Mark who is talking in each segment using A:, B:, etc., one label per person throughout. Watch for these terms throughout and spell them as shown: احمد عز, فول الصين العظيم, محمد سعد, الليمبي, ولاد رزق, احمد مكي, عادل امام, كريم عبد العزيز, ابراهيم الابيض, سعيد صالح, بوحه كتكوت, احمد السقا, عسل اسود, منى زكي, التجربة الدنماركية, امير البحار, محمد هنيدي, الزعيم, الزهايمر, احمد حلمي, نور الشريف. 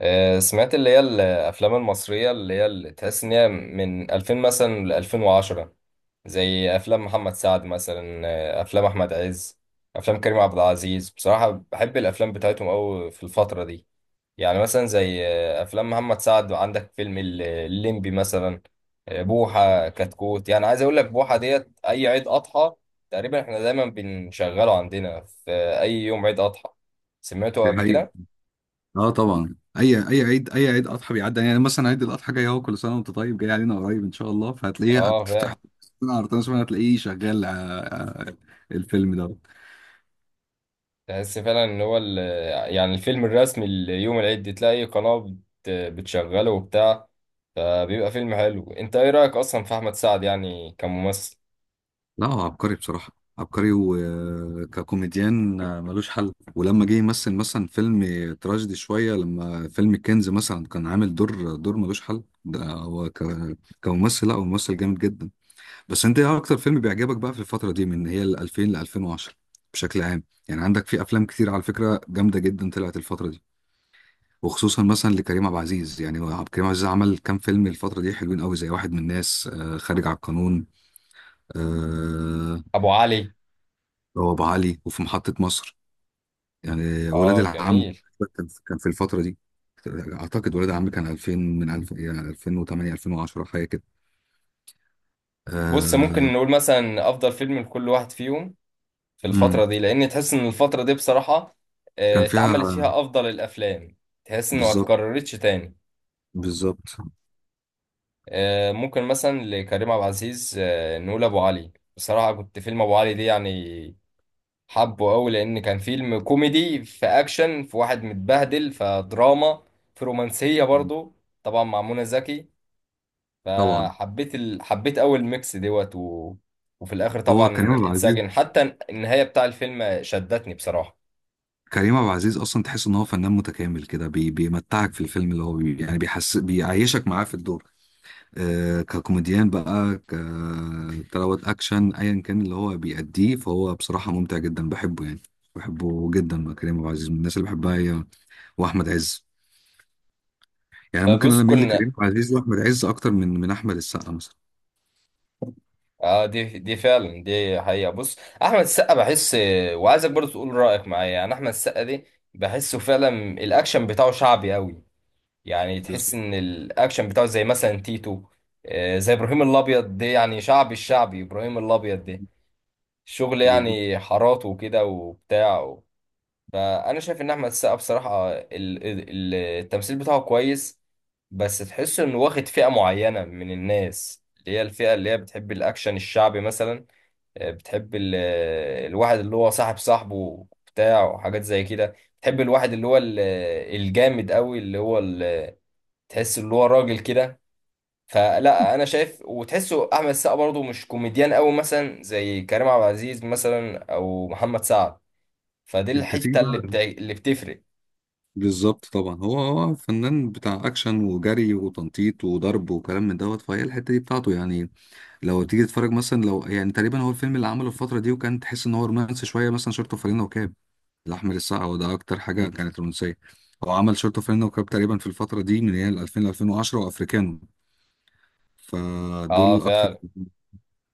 A: سمعت اللي هي الافلام المصريه اللي هي اللي تحس ان هي من 2000 مثلا ل 2010، زي افلام محمد سعد مثلا، افلام احمد عز. افلام كريم عبد العزيز بصراحه بحب الافلام بتاعتهم قوي في الفتره دي. يعني مثلا زي افلام محمد سعد عندك فيلم الليمبي مثلا. بوحه كتكوت، يعني عايز اقول لك بوحه ديت اي عيد اضحى تقريبا احنا دايما بنشغله عندنا في اي يوم عيد اضحى. سمعته
B: دي
A: قبل
B: حقيقة.
A: كده.
B: اه طبعا اي اي عيد اي عيد اضحى بيعدي، يعني مثلا عيد الاضحى جاي اهو، كل سنه وانت طيب، جاي علينا قريب ان شاء الله، فهتلاقيه
A: اه
B: بتفتح
A: فعلا.
B: سنه عرضنا سنه، هتلاقيه شغال. الفيلم ده
A: تحس فعلا ان هو يعني الفيلم الرسمي ليوم العيد، تلاقي قناة بتشغله وبتاع، فبيبقى فيلم حلو. انت ايه رأيك اصلا في احمد سعد يعني كممثل؟
B: لا هو عبقري بصراحه، عبقري وككوميديان ملوش حل. ولما جه يمثل مثلا فيلم تراجيدي شويه، لما فيلم الكنز مثلا كان عامل دور ملوش حل. كممثل لا هو ممثل جامد جدا. بس انت ايه اكتر فيلم بيعجبك بقى في الفترة دي، من هي ال 2000 ل 2010 بشكل عام؟ يعني عندك في افلام كتير على فكرة جامدة جدا طلعت الفترة دي، وخصوصا مثلا لكريم عبد العزيز. يعني هو عبد الكريم عبد العزيز عمل كام فيلم الفترة دي حلوين قوي، زي واحد من الناس، خارج على القانون، آه.
A: ابو علي.
B: هو ابو علي، وفي محطة مصر، يعني ولاد
A: اه
B: العم.
A: جميل.
B: كان كان في الفترة دي، اعتقد ولاد العم كان 2000، من 2000 يعني 2008 2010 حاجة كده،
A: بص، ممكن
B: آه.
A: نقول مثلا افضل فيلم لكل واحد فيهم في
B: مم.
A: الفترة دي، لان تحس ان الفترة دي بصراحة
B: كان فيها.
A: اتعملت فيها افضل الافلام. تحس انه ما
B: بالظبط،
A: اتكررتش تاني.
B: بالظبط
A: ممكن مثلا لكريم عبد العزيز نقول ابو علي. بصراحة كنت فيلم ابو علي دي يعني حبه قوي، لان كان فيلم كوميدي في اكشن في واحد متبهدل فدراما في رومانسيه برضو، طبعا مع منى زكي.
B: طبعا.
A: فحبيت ال... حبيت اول ميكس دوت و... وفي الاخر
B: هو كريم
A: طبعا
B: عبد العزيز،
A: اتسجن حتى النهايه بتاع الفيلم شدتني بصراحه.
B: كريم عبد العزيز اصلا تحس ان هو فنان متكامل كده، بيمتعك في الفيلم، اللي هو يعني بيحس بيعيشك معاه في الدور. آه ككوميديان بقى، ك تلاوة اكشن ايا كان اللي هو بيأديه، فهو بصراحة ممتع جدا، بحبه يعني، بحبه جدا بقى. كريم عبد العزيز من الناس اللي بحبها هي، واحمد عز. يعني ممكن
A: بص
B: انا اميل
A: كنا،
B: لكريم عبد العزيز واحمد عز اكتر من احمد السقا مثلا.
A: اه دي فعلا، دي حقيقه. بص، احمد السقا بحس، وعايزك برضو تقول رايك معايا، يعني احمد السقا دي بحسه فعلا الاكشن بتاعه شعبي قوي. يعني تحس
B: بالظبط،
A: ان الاكشن بتاعه زي مثلا تيتو، زي ابراهيم الابيض ده، يعني شعبي، الشعبي ابراهيم الابيض ده، الشغل
B: بالظبط.
A: يعني حاراته وكده وبتاع و... فانا شايف ان احمد السقا بصراحه ال... التمثيل بتاعه كويس، بس تحس انه واخد فئه معينه من الناس اللي هي الفئه اللي هي بتحب الاكشن الشعبي مثلا. بتحب ال... الواحد اللي هو صاحبه بتاع وحاجات زي كده، بتحب الواحد اللي هو الجامد قوي اللي هو ال... تحس اللي هو راجل كده. فلا انا شايف وتحسه احمد السقا برضه مش كوميديان قوي مثلا زي كريم عبد العزيز مثلا او محمد سعد. فدي
B: انت تيجي
A: الحته اللي
B: بقى،
A: اللي بتفرق.
B: بالظبط طبعا. هو فنان بتاع اكشن وجري وتنطيط وضرب وكلام من دوت، فهي الحته دي بتاعته يعني. لو تيجي تتفرج مثلا، لو يعني تقريبا هو الفيلم اللي عمله الفتره دي وكان تحس ان هو رومانسي شويه، مثلا شورت وفانلة وكاب لاحمد السقا، وده اكتر حاجه كانت رومانسيه. هو عمل شورت وفانلة وكاب تقريبا في الفتره دي، من يعني 2000 ل 2010، وافريكانو.
A: اه
B: فدول اكتر
A: فعلا.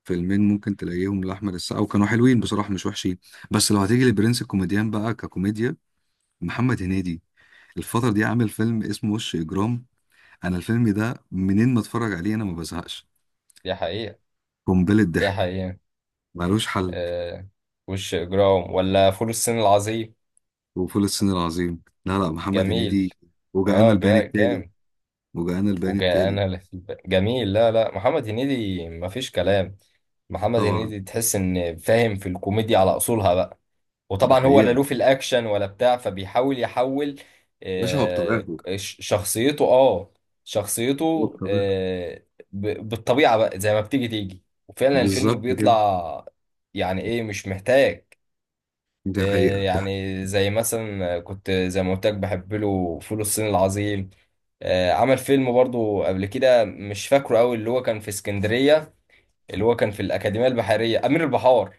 B: فيلمين ممكن تلاقيهم لاحمد السقا، وكانوا حلوين بصراحه، مش وحشين. بس لو هتيجي لبرنس الكوميديان بقى ككوميديا، محمد هنيدي الفترة دي عامل فيلم اسمه وش إجرام. انا الفيلم ده منين ما اتفرج عليه انا ما بزهقش،
A: دي حقيقه.
B: قنبله
A: دي
B: ضحك
A: حقيقه.
B: ملوش حل.
A: آه. وش اجرام ولا فول الصين العظيم؟
B: وفول الصين العظيم، لا محمد
A: جميل.
B: هنيدي. وجعان
A: اه
B: البيان
A: جا
B: التالي،
A: جامد.
B: وجعان البيان
A: وجا
B: التالي
A: انا لا في بقى. جميل. لا محمد هنيدي مفيش كلام. محمد
B: طبعا.
A: هنيدي تحس ان فاهم في الكوميديا على اصولها بقى.
B: ده
A: وطبعا هو
B: حقيقه
A: لا
B: يا
A: له في الاكشن ولا بتاع، فبيحاول يحول.
B: باشا، هو
A: آه،
B: بطبيعته،
A: شخصيته اه،
B: هو
A: شخصيته.
B: بطبيعته.
A: بالطبيعه بقى زي ما بتيجي وفعلا الفيلم
B: بالظبط كده،
A: بيطلع، يعني ايه مش محتاج.
B: دي حقيقه. ده
A: يعني زي مثلا كنت زي ما قلت لك بحب له فول الصين العظيم. عمل فيلم برضو قبل كده مش فاكره قوي اللي هو كان في اسكندريه، اللي هو كان في الاكاديميه البحريه، امير البحار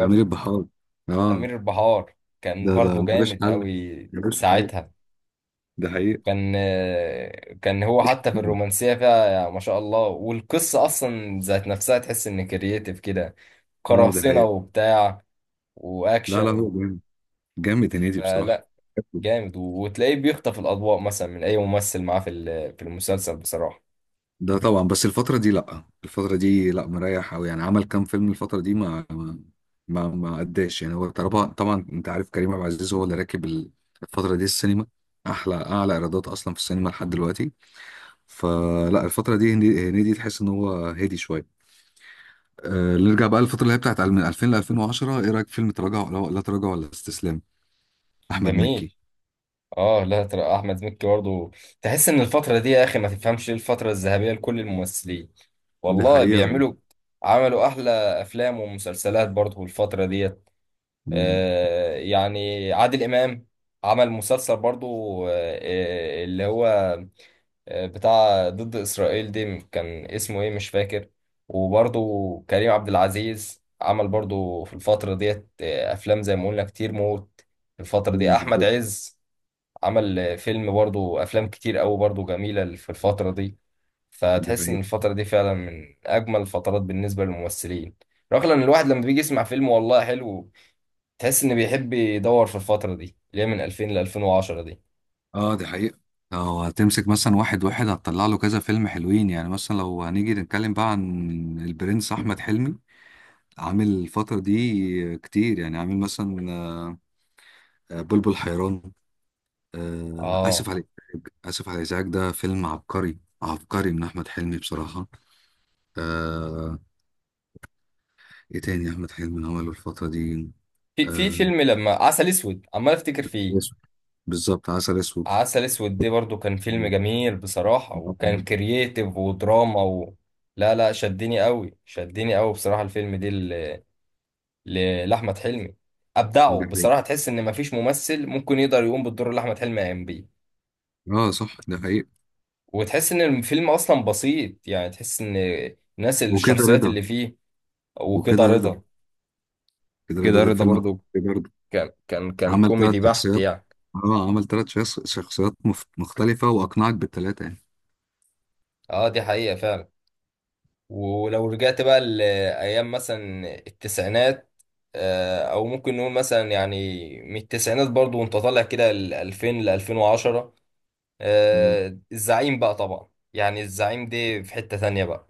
B: عميل البحار، اه.
A: أمير البحار. كان
B: ده
A: برضو
B: ملوش
A: جامد
B: حل،
A: قوي
B: ملوش حل،
A: ساعتها.
B: ده حقيقه.
A: وكان كان هو حتى في الرومانسية فيها، يعني ما شاء الله، والقصة أصلا ذات نفسها تحس إن كرييتيف كده،
B: اه ده
A: قراصنة
B: حقيقه،
A: وبتاع
B: لا
A: وأكشن
B: لا هو
A: و...
B: جامد، جامد هنيدي بصراحه.
A: فلا جامد، وتلاقيه بيخطف الأضواء مثلا من أي ممثل معاه في المسلسل بصراحة.
B: ده طبعا، بس الفترة دي لأ، الفترة دي لأ مريح أوي. يعني عمل كام فيلم الفترة دي، ما أداش يعني. هو طبعا، طبعا أنت عارف، كريم عبد العزيز هو اللي راكب الفترة دي السينما، أحلى أعلى إيرادات أصلا في السينما لحد دلوقتي. فلا الفترة دي هنيدي تحس إن هو هادي شوية. أه نرجع بقى للفترة اللي هي بتاعت من 2000 ل 2010، إيه رأيك في فيلم تراجع، ولا لا تراجع ولا استسلام، أحمد مكي؟
A: جميل. اه لا ترى احمد مكي برضه تحس ان الفتره دي، يا اخي ما تفهمش ليه الفتره الذهبيه لكل الممثلين،
B: دي
A: والله
B: حقيقة.
A: بيعملوا، عملوا احلى افلام ومسلسلات برضه الفتره ديت.
B: مم.
A: آه، يعني عادل امام عمل مسلسل برضه. آه. اللي هو آه بتاع ضد اسرائيل دي كان اسمه ايه مش فاكر. وبرضه كريم عبد العزيز عمل برضه في الفتره ديت آه افلام زي ما قلنا كتير موت. في الفتره
B: مم،
A: دي احمد
B: بالظبط.
A: عز عمل فيلم برضو، افلام كتير قوي برضو جميله في الفتره دي.
B: دي
A: فتحس ان
B: حقيقة،
A: الفتره دي فعلا من اجمل الفترات بالنسبه للممثلين، رغم ان الواحد لما بيجي يسمع فيلم والله حلو. تحس انه بيحب يدور في الفتره دي اللي هي من 2000 ل 2010 دي.
B: اه دي حقيقة. لو هتمسك مثلا واحد واحد هتطلع له كذا فيلم حلوين، يعني مثلا لو هنيجي نتكلم بقى عن البرنس أحمد حلمي، عامل الفترة دي كتير. يعني عامل مثلا، بلبل حيران، آسف
A: اه
B: عليك، آسف على الإزعاج. ده فيلم عبقري، عبقري من أحمد حلمي بصراحة. آه، إيه تاني أحمد حلمي عمله الفترة دي؟
A: في
B: آه،
A: فيلم لما عسل اسود عمال افتكر فيه.
B: أسود، بالظبط، عسل أسود.
A: عسل اسود دي برضو كان فيلم
B: ده
A: جميل بصراحه، وكان كرييتيف ودراما و... لا لا، شدني قوي، شدني قوي بصراحه الفيلم دي لأحمد حلمي. أبدعوا
B: حقيقة،
A: بصراحة، تحس إن مفيش ممثل ممكن يقدر يقوم بالدور اللي أحمد حلمي قام بيه.
B: اه صح ده حقيقة.
A: وتحس إن الفيلم أصلا بسيط، يعني تحس إن الناس
B: وكده
A: الشخصيات
B: رضا،
A: اللي فيه. وكده
B: وكده رضا،
A: رضا،
B: كده رضا
A: كده
B: ده
A: رضا
B: فيلم
A: برضو،
B: عبقري برضه،
A: كان
B: عمل ثلاث
A: كوميدي بحت
B: شخصيات.
A: يعني.
B: اه عمل شخصيات مختلفة وأقنعك بالثلاثة يعني.
A: اه دي حقيقة فعلا. ولو رجعت بقى لأيام مثلا التسعينات، أو ممكن نقول مثلا يعني من التسعينات برضو وأنت طالع كده ل 2000 ل 2010.
B: مم.
A: آه، الزعيم بقى طبعا، يعني الزعيم دي في حتة تانية بقى،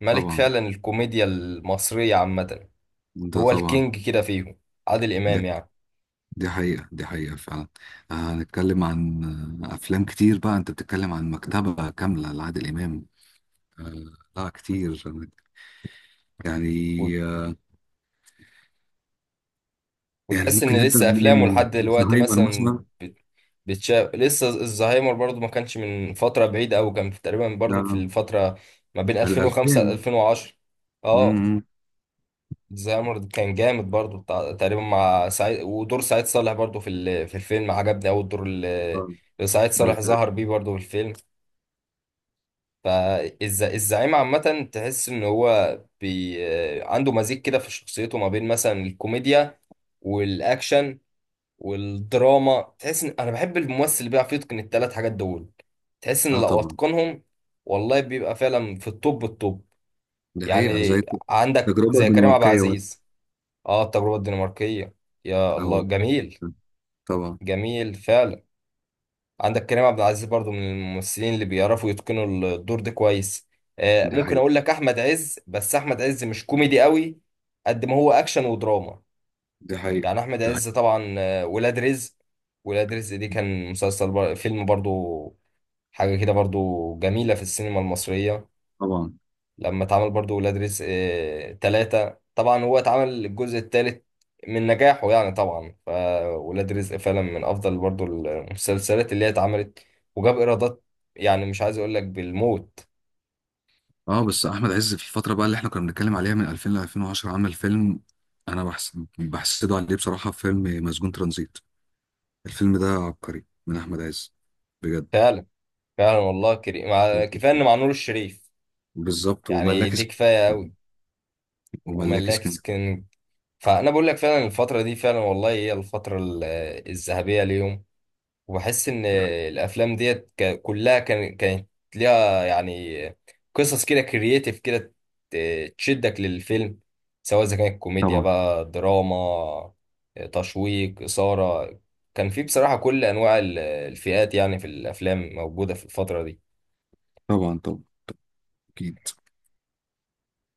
A: ملك
B: طبعا،
A: فعلا الكوميديا المصرية عامة.
B: ده
A: هو
B: طبعا.
A: الكينج كده فيهم، عادل إمام
B: دي,
A: يعني.
B: دي حقيقة، دي حقيقة فعلا. هنتكلم عن، أفلام كتير بقى. أنت بتتكلم عن مكتبة كاملة لعادل إمام، آه، لا كتير يعني.
A: و-
B: آه، يعني
A: وتحس
B: ممكن
A: إن
B: نبدأ
A: لسه أفلامه
B: من
A: لحد دلوقتي
B: زهايمر
A: مثلا
B: مثلا،
A: بتشاف لسه. الزهايمر برضو ما كانش من فترة بعيدة أوي، كان تقريبا برضو في
B: آه،
A: الفترة ما بين 2005 ل
B: الألفين.
A: 2010. اه
B: مم.
A: زامر كان جامد برضو تقريبا مع سعيد، ودور سعيد صالح برضو في الفيلم عجبني أوي الدور
B: اه،
A: اللي سعيد
B: ده-
A: صالح
B: ده-
A: ظهر بيه برضو في الفيلم. فالزعيم عامة تحس إن هو عنده مزيج كده في شخصيته ما بين مثلا الكوميديا والأكشن والدراما. تحس إن أنا بحب الممثل اللي بيعرف يتقن التلات حاجات دول، تحس إن لو
B: طبعا.
A: أتقنهم والله بيبقى فعلا في التوب التوب
B: دي حقيقة
A: يعني.
B: زي
A: عندك
B: التجربة
A: زي كريم عبد
B: الدنماركية مثلا،
A: العزيز. اه التجربة الدنماركية. يا الله،
B: اه
A: جميل.
B: طبعا.
A: جميل فعلا. عندك كريم عبد العزيز برضو من الممثلين اللي بيعرفوا يتقنوا الدور ده كويس. آه
B: دي
A: ممكن
B: حقيقة،
A: اقول لك احمد عز، بس احمد عز مش كوميدي قوي قد ما هو اكشن ودراما.
B: دي حقيقة،
A: يعني احمد
B: دي
A: عز
B: حقيقة
A: طبعا، ولاد رزق. ولاد رزق دي كان مسلسل فيلم برضو، حاجة كده برضو جميلة في السينما المصرية.
B: طبعا.
A: لما اتعمل برضو ولاد رزق تلاتة، طبعا هو اتعمل الجزء التالت من نجاحه. يعني طبعا فولاد رزق فعلا من أفضل برضو المسلسلات اللي هي اتعملت، وجاب إيرادات يعني مش عايز أقول لك بالموت.
B: اه بس احمد عز في الفترة بقى اللي احنا كنا بنتكلم عليها من 2000 ل 2010 عمل فيلم انا بحس بحسده عليه بصراحة، فيلم مسجون ترانزيت. الفيلم ده عبقري من احمد عز، بجد.
A: فعلا فعلا والله كريم، كفاية إن مع نور الشريف
B: بالظبط،
A: يعني،
B: وملاك
A: دي كفاية أوي.
B: اسكندرية، وملاك
A: وملاك
B: اسكندرية.
A: سكن. فأنا بقول لك فعلا الفترة دي فعلا والله هي الفترة الذهبية ليهم. وبحس ان الافلام ديت كلها كانت ليها يعني قصص كده كرييتيف كده، تشدك للفيلم، سواء اذا كانت كوميديا
B: طبعا،
A: بقى، دراما، تشويق، اثاره. كان في بصراحه كل انواع الفئات يعني في الافلام موجوده في الفتره دي.
B: طبعا، طبعا اكيد.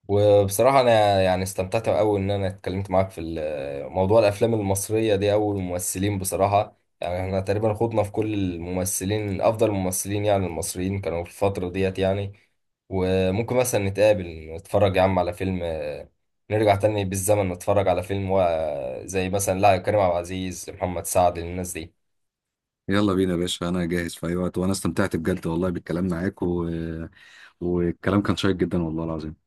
A: وبصراحة أنا يعني استمتعت أوي إن أنا اتكلمت معاك في موضوع الأفلام المصرية دي أو الممثلين. بصراحة يعني إحنا تقريبا خضنا في كل الممثلين، أفضل الممثلين يعني المصريين كانوا في الفترة ديت يعني. وممكن مثلا نتقابل نتفرج يا عم على فيلم، نرجع تاني بالزمن نتفرج على فيلم زي مثلا لا كريم عبد العزيز، محمد سعد، الناس دي.
B: يلا بينا يا باشا، انا جاهز في اي وقت، وانا استمتعت بجد والله بالكلام معاك و... والكلام كان شيق جدا، والله العظيم.